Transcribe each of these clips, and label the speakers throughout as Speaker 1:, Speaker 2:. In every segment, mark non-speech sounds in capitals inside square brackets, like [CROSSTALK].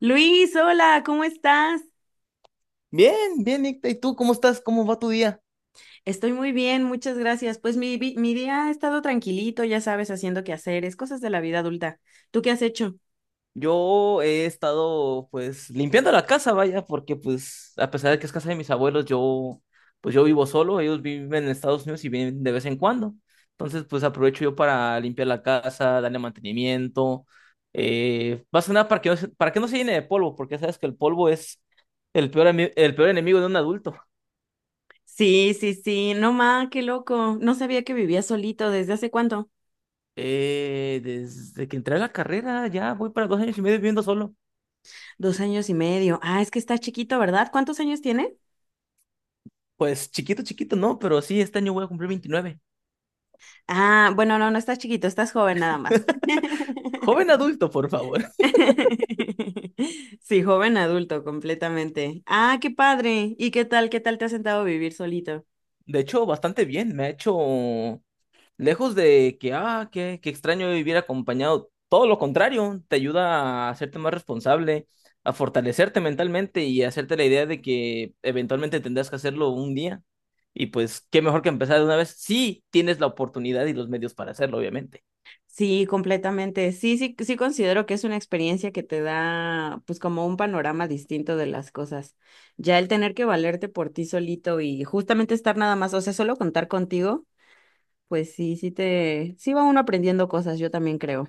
Speaker 1: Luis, hola, ¿cómo estás?
Speaker 2: Bien, bien, Nicta. ¿Y tú cómo estás? ¿Cómo va tu día?
Speaker 1: Estoy muy bien, muchas gracias. Pues mi día ha estado tranquilito, ya sabes, haciendo quehaceres, cosas de la vida adulta. ¿Tú qué has hecho?
Speaker 2: Yo he estado, pues, limpiando la casa, vaya, porque, pues, a pesar de que es casa de mis abuelos, yo, pues, yo vivo solo. Ellos viven en Estados Unidos y vienen de vez en cuando. Entonces, pues, aprovecho yo para limpiar la casa, darle mantenimiento. Más que nada para que no se llene de polvo, porque ya sabes que el polvo es el peor enemigo de un adulto.
Speaker 1: Sí, sí, sí, no ma, qué loco. No sabía que vivías solito. ¿Desde hace cuánto?
Speaker 2: Desde que entré a la carrera, ya voy para 2 años y medio viviendo solo.
Speaker 1: 2 años y medio. Ah, es que estás chiquito, ¿verdad? ¿Cuántos años tiene?
Speaker 2: Pues chiquito, chiquito, no, pero sí, este año voy a cumplir 29.
Speaker 1: Ah, bueno, no, no estás chiquito, estás joven nada más.
Speaker 2: Joven adulto, por favor.
Speaker 1: [LAUGHS] Sí, joven adulto, completamente. Ah, qué padre. ¿Y qué tal? ¿Qué tal te has sentado a vivir solito?
Speaker 2: [LAUGHS] De hecho, bastante bien. Me ha hecho lejos de que, ah, qué extraño vivir acompañado. Todo lo contrario, te ayuda a hacerte más responsable, a fortalecerte mentalmente y a hacerte la idea de que eventualmente tendrás que hacerlo un día. Y pues, qué mejor que empezar de una vez. Sí, tienes la oportunidad y los medios para hacerlo, obviamente.
Speaker 1: Sí, completamente. Sí, sí, sí considero que es una experiencia que te da, pues, como un panorama distinto de las cosas. Ya el tener que valerte por ti solito y justamente estar nada más, o sea, solo contar contigo, pues sí, sí va uno aprendiendo cosas, yo también creo.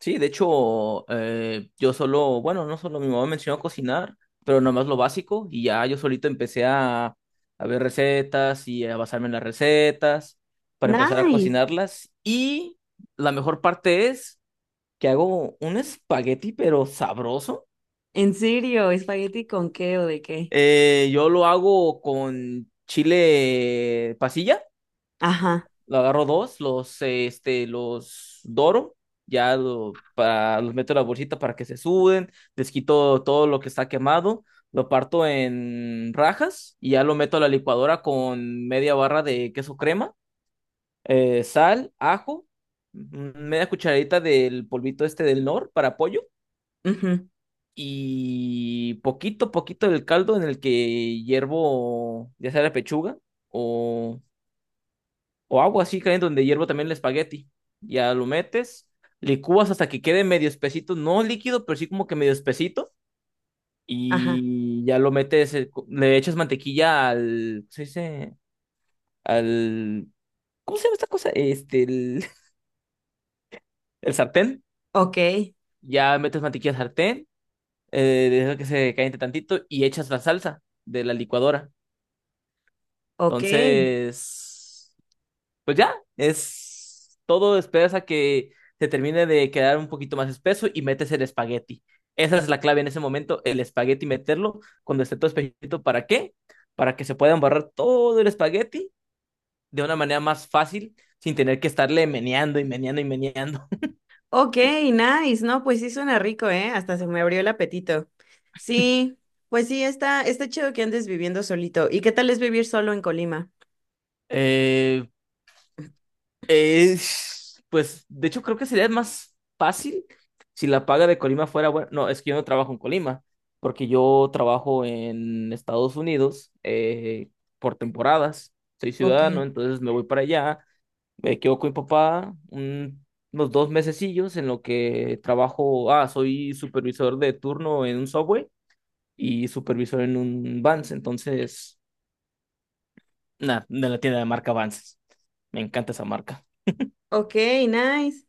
Speaker 2: Sí, de hecho, yo solo, bueno, no solo mi mamá me enseñó a cocinar, pero nomás lo básico y ya yo solito a ver recetas y a basarme en las recetas para empezar a
Speaker 1: Nice.
Speaker 2: cocinarlas. Y la mejor parte es que hago un espagueti, pero sabroso.
Speaker 1: ¿En serio? ¿Espagueti con qué o de qué?
Speaker 2: Yo lo hago con chile pasilla.
Speaker 1: Ajá.
Speaker 2: Lo agarro dos, los doro, los meto en la bolsita para que se suden, les quito todo lo que está quemado, lo parto en rajas y ya lo meto a la licuadora con media barra de queso crema, sal, ajo, media cucharadita del polvito este del nor para pollo
Speaker 1: Ujú.
Speaker 2: y poquito, poquito del caldo en el que hiervo ya sea la pechuga o o agua así caliente donde hiervo también el espagueti. Ya lo metes, licúas hasta que quede medio espesito, no líquido, pero sí como que medio espesito.
Speaker 1: Ajá.
Speaker 2: Y ya lo metes, le echas mantequilla al, ¿cómo se dice? Al, ¿cómo se llama esta cosa? Este, el, [LAUGHS] el sartén.
Speaker 1: Ok.
Speaker 2: Ya metes mantequilla al sartén, dejas que se caliente tantito y echas la salsa de la licuadora.
Speaker 1: Ok.
Speaker 2: Entonces, pues ya, es todo, esperas a que se termine de quedar un poquito más espeso y metes el espagueti. Esa es la clave en ese momento, el espagueti meterlo cuando esté todo espesito. ¿Para qué? Para que se pueda embarrar todo el espagueti de una manera más fácil sin tener que estarle meneando y meneando y meneando. [LAUGHS]
Speaker 1: Ok, nice, ¿no? Pues sí suena rico, ¿eh? Hasta se me abrió el apetito. Sí, pues sí, está chido que andes viviendo solito. ¿Y qué tal es vivir solo en Colima?
Speaker 2: Eh, Eh, pues de hecho creo que sería más fácil si la paga de Colima fuera buena. No, es que yo no trabajo en Colima, porque yo trabajo en Estados Unidos, por temporadas. Soy
Speaker 1: Ok.
Speaker 2: ciudadano, entonces me voy para allá, me quedo con mi papá unos 2 mesecillos en lo que trabajo. Ah, soy supervisor de turno en un Subway y supervisor en un Vans, entonces, nada, de la tienda de marca Vans. Me encanta esa marca.
Speaker 1: Ok, nice.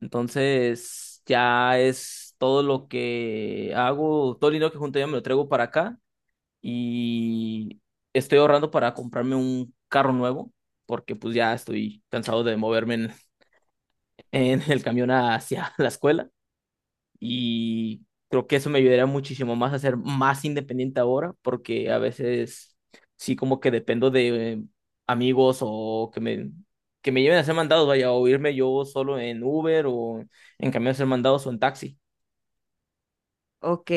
Speaker 2: Entonces, ya es todo lo que hago, todo el dinero que junto ya me lo traigo para acá y estoy ahorrando para comprarme un carro nuevo, porque pues ya estoy cansado de moverme en, [LAUGHS] en el camión hacia la escuela y creo que eso me ayudaría muchísimo más a ser más independiente ahora, porque a veces sí como que dependo de amigos que me lleven a hacer mandados, vaya, o irme yo solo en Uber o en camión a hacer mandados o en taxi.
Speaker 1: Ok,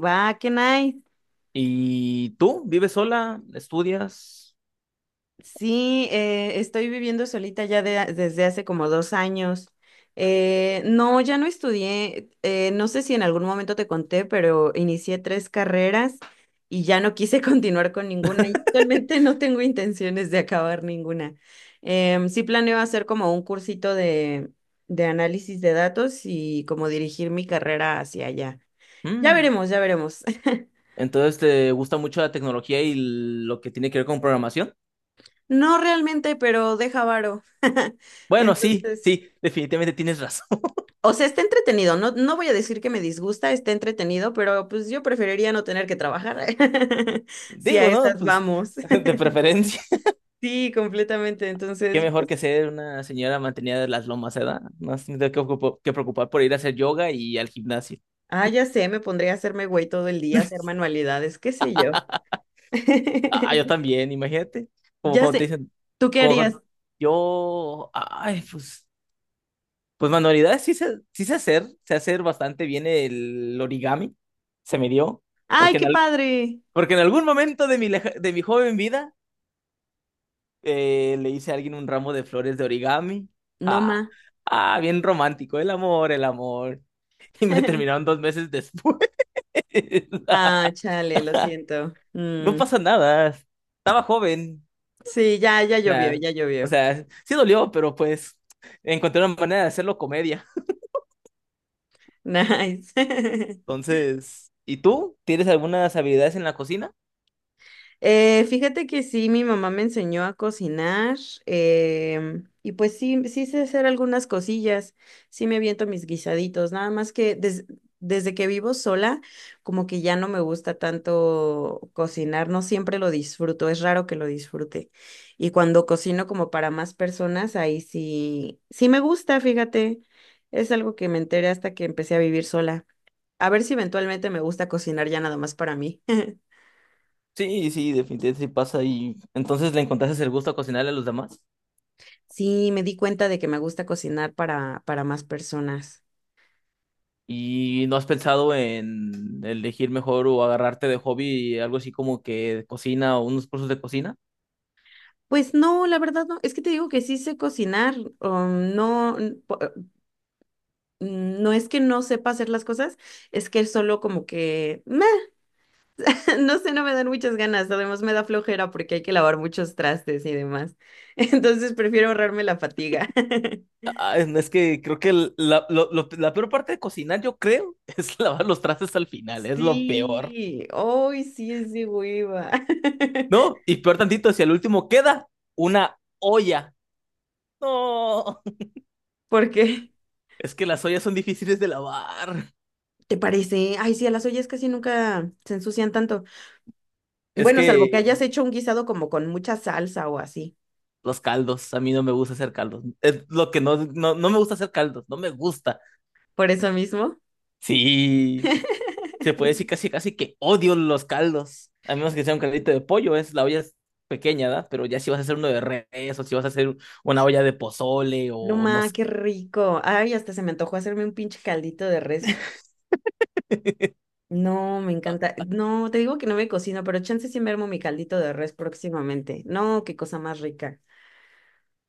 Speaker 1: va, qué nice.
Speaker 2: ¿Y tú vives sola? ¿Estudias?
Speaker 1: Sí, estoy viviendo solita ya de desde hace como 2 años. No, ya no estudié. No sé si en algún momento te conté, pero inicié tres carreras y ya no quise [LAUGHS] continuar con ninguna y actualmente no tengo intenciones de acabar ninguna. Sí planeo hacer como un cursito de análisis de datos y como dirigir mi carrera hacia allá. Ya
Speaker 2: Mm.
Speaker 1: veremos, ya veremos. [LAUGHS]
Speaker 2: Entonces, ¿te gusta mucho la tecnología y lo que tiene que ver con programación?
Speaker 1: No realmente, pero deja varo. [LAUGHS]
Speaker 2: Bueno, sí,
Speaker 1: Entonces,
Speaker 2: sí, definitivamente tienes razón. [LAUGHS]
Speaker 1: o sea, está entretenido. No, no voy a decir que me disgusta, está entretenido, pero pues yo preferiría no tener que trabajar. [LAUGHS] Si a
Speaker 2: Digo, ¿no?
Speaker 1: esas
Speaker 2: Pues
Speaker 1: vamos.
Speaker 2: [LAUGHS] de
Speaker 1: [LAUGHS]
Speaker 2: preferencia.
Speaker 1: Sí, completamente.
Speaker 2: Qué
Speaker 1: Entonces,
Speaker 2: mejor
Speaker 1: pues,
Speaker 2: que ser una señora mantenida de las lomas, ¿verdad? No se que preocupar por ir a hacer yoga y al gimnasio.
Speaker 1: ah, ya sé, me pondría a hacerme güey todo el día, hacer
Speaker 2: [LAUGHS]
Speaker 1: manualidades, qué sé yo.
Speaker 2: Ah, yo
Speaker 1: [LAUGHS]
Speaker 2: también, imagínate. Como
Speaker 1: Ya
Speaker 2: cuando te
Speaker 1: sé.
Speaker 2: dicen,
Speaker 1: ¿Tú qué
Speaker 2: como
Speaker 1: harías?
Speaker 2: cuando- yo, ay, pues, pues manualidades sí sé hacer bastante bien el origami, se me dio,
Speaker 1: ¡Ay,
Speaker 2: porque
Speaker 1: qué
Speaker 2: en, al-
Speaker 1: padre!
Speaker 2: porque en algún momento de de mi joven vida le hice a alguien un ramo de flores de origami.
Speaker 1: No,
Speaker 2: Ah,
Speaker 1: ma.
Speaker 2: ah, bien romántico, el amor, el amor. [LAUGHS] Y me terminaron
Speaker 1: [LAUGHS]
Speaker 2: 2 meses después.
Speaker 1: Ah,
Speaker 2: [LAUGHS]
Speaker 1: chale, lo siento.
Speaker 2: No
Speaker 1: Mm,
Speaker 2: pasa nada. Estaba joven.
Speaker 1: sí, ya, ya
Speaker 2: O
Speaker 1: llovió,
Speaker 2: sea,
Speaker 1: ya
Speaker 2: o
Speaker 1: llovió.
Speaker 2: sea, sí dolió, pero pues encontré una manera de hacerlo comedia.
Speaker 1: [LAUGHS] Nice. [LAUGHS]
Speaker 2: Entonces, ¿y tú? ¿Tienes algunas habilidades en la cocina?
Speaker 1: Fíjate que sí, mi mamá me enseñó a cocinar y pues sí, sí sé hacer algunas cosillas, sí me aviento mis guisaditos, nada más que desde que vivo sola, como que ya no me gusta tanto cocinar, no siempre lo disfruto, es raro que lo disfrute. Y cuando cocino como para más personas, ahí sí, sí me gusta, fíjate, es algo que me enteré hasta que empecé a vivir sola. A ver si eventualmente me gusta cocinar ya nada más para mí. [LAUGHS]
Speaker 2: Sí, sí, definitivamente sí pasa. Y entonces le encontraste el gusto a cocinarle a los demás.
Speaker 1: Sí, me di cuenta de que me gusta cocinar para más personas.
Speaker 2: ¿Y no has pensado en elegir mejor o agarrarte de hobby algo así como que cocina o unos cursos de cocina?
Speaker 1: Pues no, la verdad no. Es que te digo que sí sé cocinar. No, no es que no sepa hacer las cosas, es que solo como que, meh, [LAUGHS] no sé, no me dan muchas ganas. Además me da flojera porque hay que lavar muchos trastes y demás. [LAUGHS] Entonces prefiero ahorrarme la fatiga. [LAUGHS]
Speaker 2: Ah, es que creo que la peor parte de cocinar, yo creo, [LAUGHS] es lavar los trastes al final, es lo peor.
Speaker 1: Sí, hoy sí es de hueva. [LAUGHS]
Speaker 2: No, y peor tantito, si al último queda una olla. No, [LAUGHS]
Speaker 1: ¿Por qué?
Speaker 2: es que las ollas son difíciles de lavar.
Speaker 1: ¿Te parece? Ay, sí, a las ollas casi nunca se ensucian tanto.
Speaker 2: Es
Speaker 1: Bueno, salvo que
Speaker 2: que
Speaker 1: hayas hecho un guisado como con mucha salsa o así.
Speaker 2: los caldos, a mí no me gusta hacer caldos. Es lo que no, no me gusta hacer caldos, no me gusta.
Speaker 1: Por eso mismo.
Speaker 2: Sí. Se
Speaker 1: [LAUGHS]
Speaker 2: puede decir casi casi que odio los caldos, a menos que sea un caldito de pollo, es la olla es pequeña, ¿verdad? Pero ya si vas a hacer uno de res o si vas a hacer una olla de pozole
Speaker 1: No
Speaker 2: o no
Speaker 1: ma,
Speaker 2: sé.
Speaker 1: qué rico. Ay, hasta se me antojó hacerme un pinche caldito de res.
Speaker 2: [LAUGHS]
Speaker 1: No, me encanta. No, te digo que no me cocino, pero chance sí me armo mi caldito de res próximamente. No, qué cosa más rica.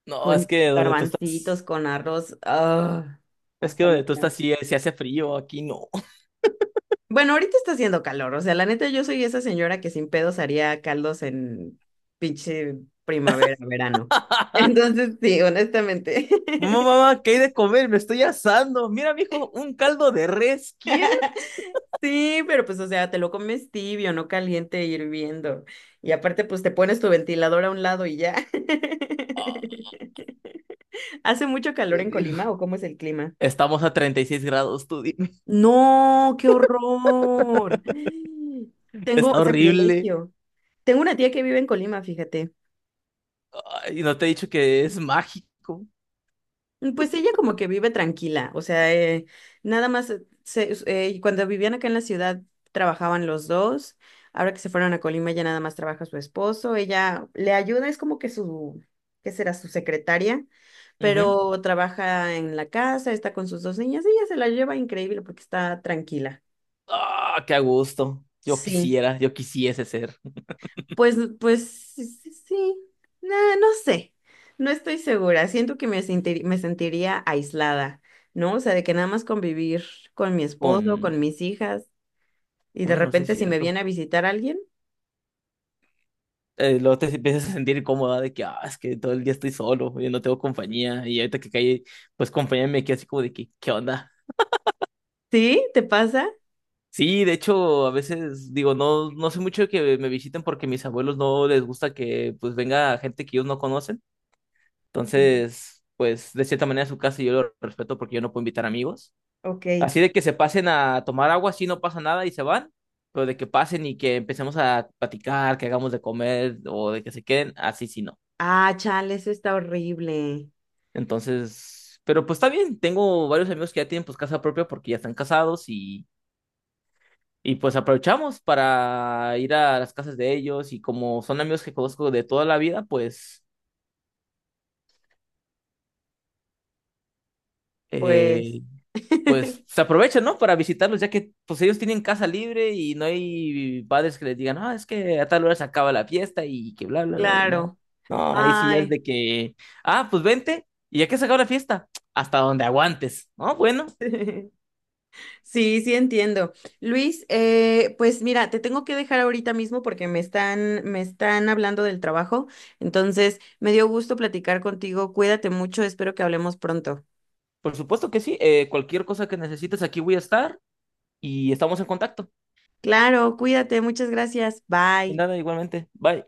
Speaker 2: No,
Speaker 1: Con garbancitos, con arroz. Ah,
Speaker 2: es que
Speaker 1: hasta me
Speaker 2: donde tú estás sí, se hace frío, aquí no.
Speaker 1: Bueno, ahorita está haciendo calor, o sea, la neta yo soy esa señora que sin pedos haría caldos en pinche primavera, verano. [LAUGHS]
Speaker 2: [LAUGHS]
Speaker 1: Entonces, sí, honestamente.
Speaker 2: Mamá, mamá, ¿qué hay de comer? Me estoy asando. Mira, mijo, un caldo de res,
Speaker 1: [LAUGHS]
Speaker 2: ¿quieres?
Speaker 1: Sí, pero pues, o sea, te lo comes tibio, no caliente, hirviendo. Y aparte, pues te pones tu ventilador a un lado y ya. [LAUGHS] ¿Hace mucho calor
Speaker 2: Dios
Speaker 1: en
Speaker 2: mío.
Speaker 1: Colima o cómo es el clima?
Speaker 2: Estamos a 36 grados, tú dime.
Speaker 1: No, qué horror. [GASPS]
Speaker 2: [LAUGHS]
Speaker 1: Tengo
Speaker 2: Está horrible.
Speaker 1: sacrilegio. Tengo una tía que vive en Colima, fíjate.
Speaker 2: Ay, no te he dicho que es mágico.
Speaker 1: Pues ella como que vive tranquila, o sea, nada más, cuando vivían acá en la ciudad trabajaban los dos, ahora que se fueron a Colima ya nada más trabaja su esposo, ella le ayuda, es como que su, ¿qué será? Su secretaria,
Speaker 2: Ujú.
Speaker 1: pero trabaja en la casa, está con sus dos niñas, ella se la lleva increíble porque está tranquila.
Speaker 2: Ah, qué a gusto.
Speaker 1: Sí.
Speaker 2: Yo quisiese ser
Speaker 1: Pues sí, sí, sí. Nah, no sé, no estoy segura. Siento que me sentiría aislada, ¿no? O sea, de que nada más convivir con mi esposo,
Speaker 2: con...
Speaker 1: con mis hijas, y de
Speaker 2: Bueno, sí es
Speaker 1: repente si me
Speaker 2: cierto.
Speaker 1: viene a visitar alguien,
Speaker 2: Luego te empiezas a sentir incómoda de que, ah, es que todo el día estoy solo, yo no tengo compañía. Y ahorita que caí, pues compañía me queda así como de que, ¿qué onda?
Speaker 1: ¿sí? ¿Te pasa?
Speaker 2: Sí, de hecho, a veces digo, no, no sé mucho de que me visiten porque mis abuelos no les gusta que pues venga gente que ellos no conocen.
Speaker 1: Ujú.
Speaker 2: Entonces, pues de cierta manera es su casa y yo lo respeto porque yo no puedo invitar amigos.
Speaker 1: Ok.
Speaker 2: Así de que se pasen a tomar agua, así no pasa nada y se van, pero de que pasen y que empecemos a platicar, que hagamos de comer o de que se queden, así sí no.
Speaker 1: Ah, chale, eso está horrible.
Speaker 2: Entonces, pero pues está bien, tengo varios amigos que ya tienen pues casa propia porque ya están casados y pues aprovechamos para ir a las casas de ellos y como son amigos que conozco de toda la vida, pues
Speaker 1: Pues,
Speaker 2: eh,
Speaker 1: [LAUGHS]
Speaker 2: pues se aprovechan, ¿no? Para visitarlos, ya que pues ellos tienen casa libre y no hay padres que les digan, ah, es que a tal hora se acaba la fiesta y que bla, bla, bla, bla. No.
Speaker 1: claro.
Speaker 2: No, ahí sí es
Speaker 1: Ay.
Speaker 2: de que, ah, pues vente, y ya que se acaba la fiesta, hasta donde aguantes, ¿no? Bueno,
Speaker 1: [LAUGHS] Sí, sí entiendo. Luis, pues mira, te tengo que dejar ahorita mismo porque me están hablando del trabajo. Entonces, me dio gusto platicar contigo. Cuídate mucho, espero que hablemos pronto.
Speaker 2: por supuesto que sí, cualquier cosa que necesites aquí voy a estar y estamos en contacto.
Speaker 1: Claro, cuídate, muchas gracias.
Speaker 2: De
Speaker 1: Bye.
Speaker 2: nada, igualmente, bye.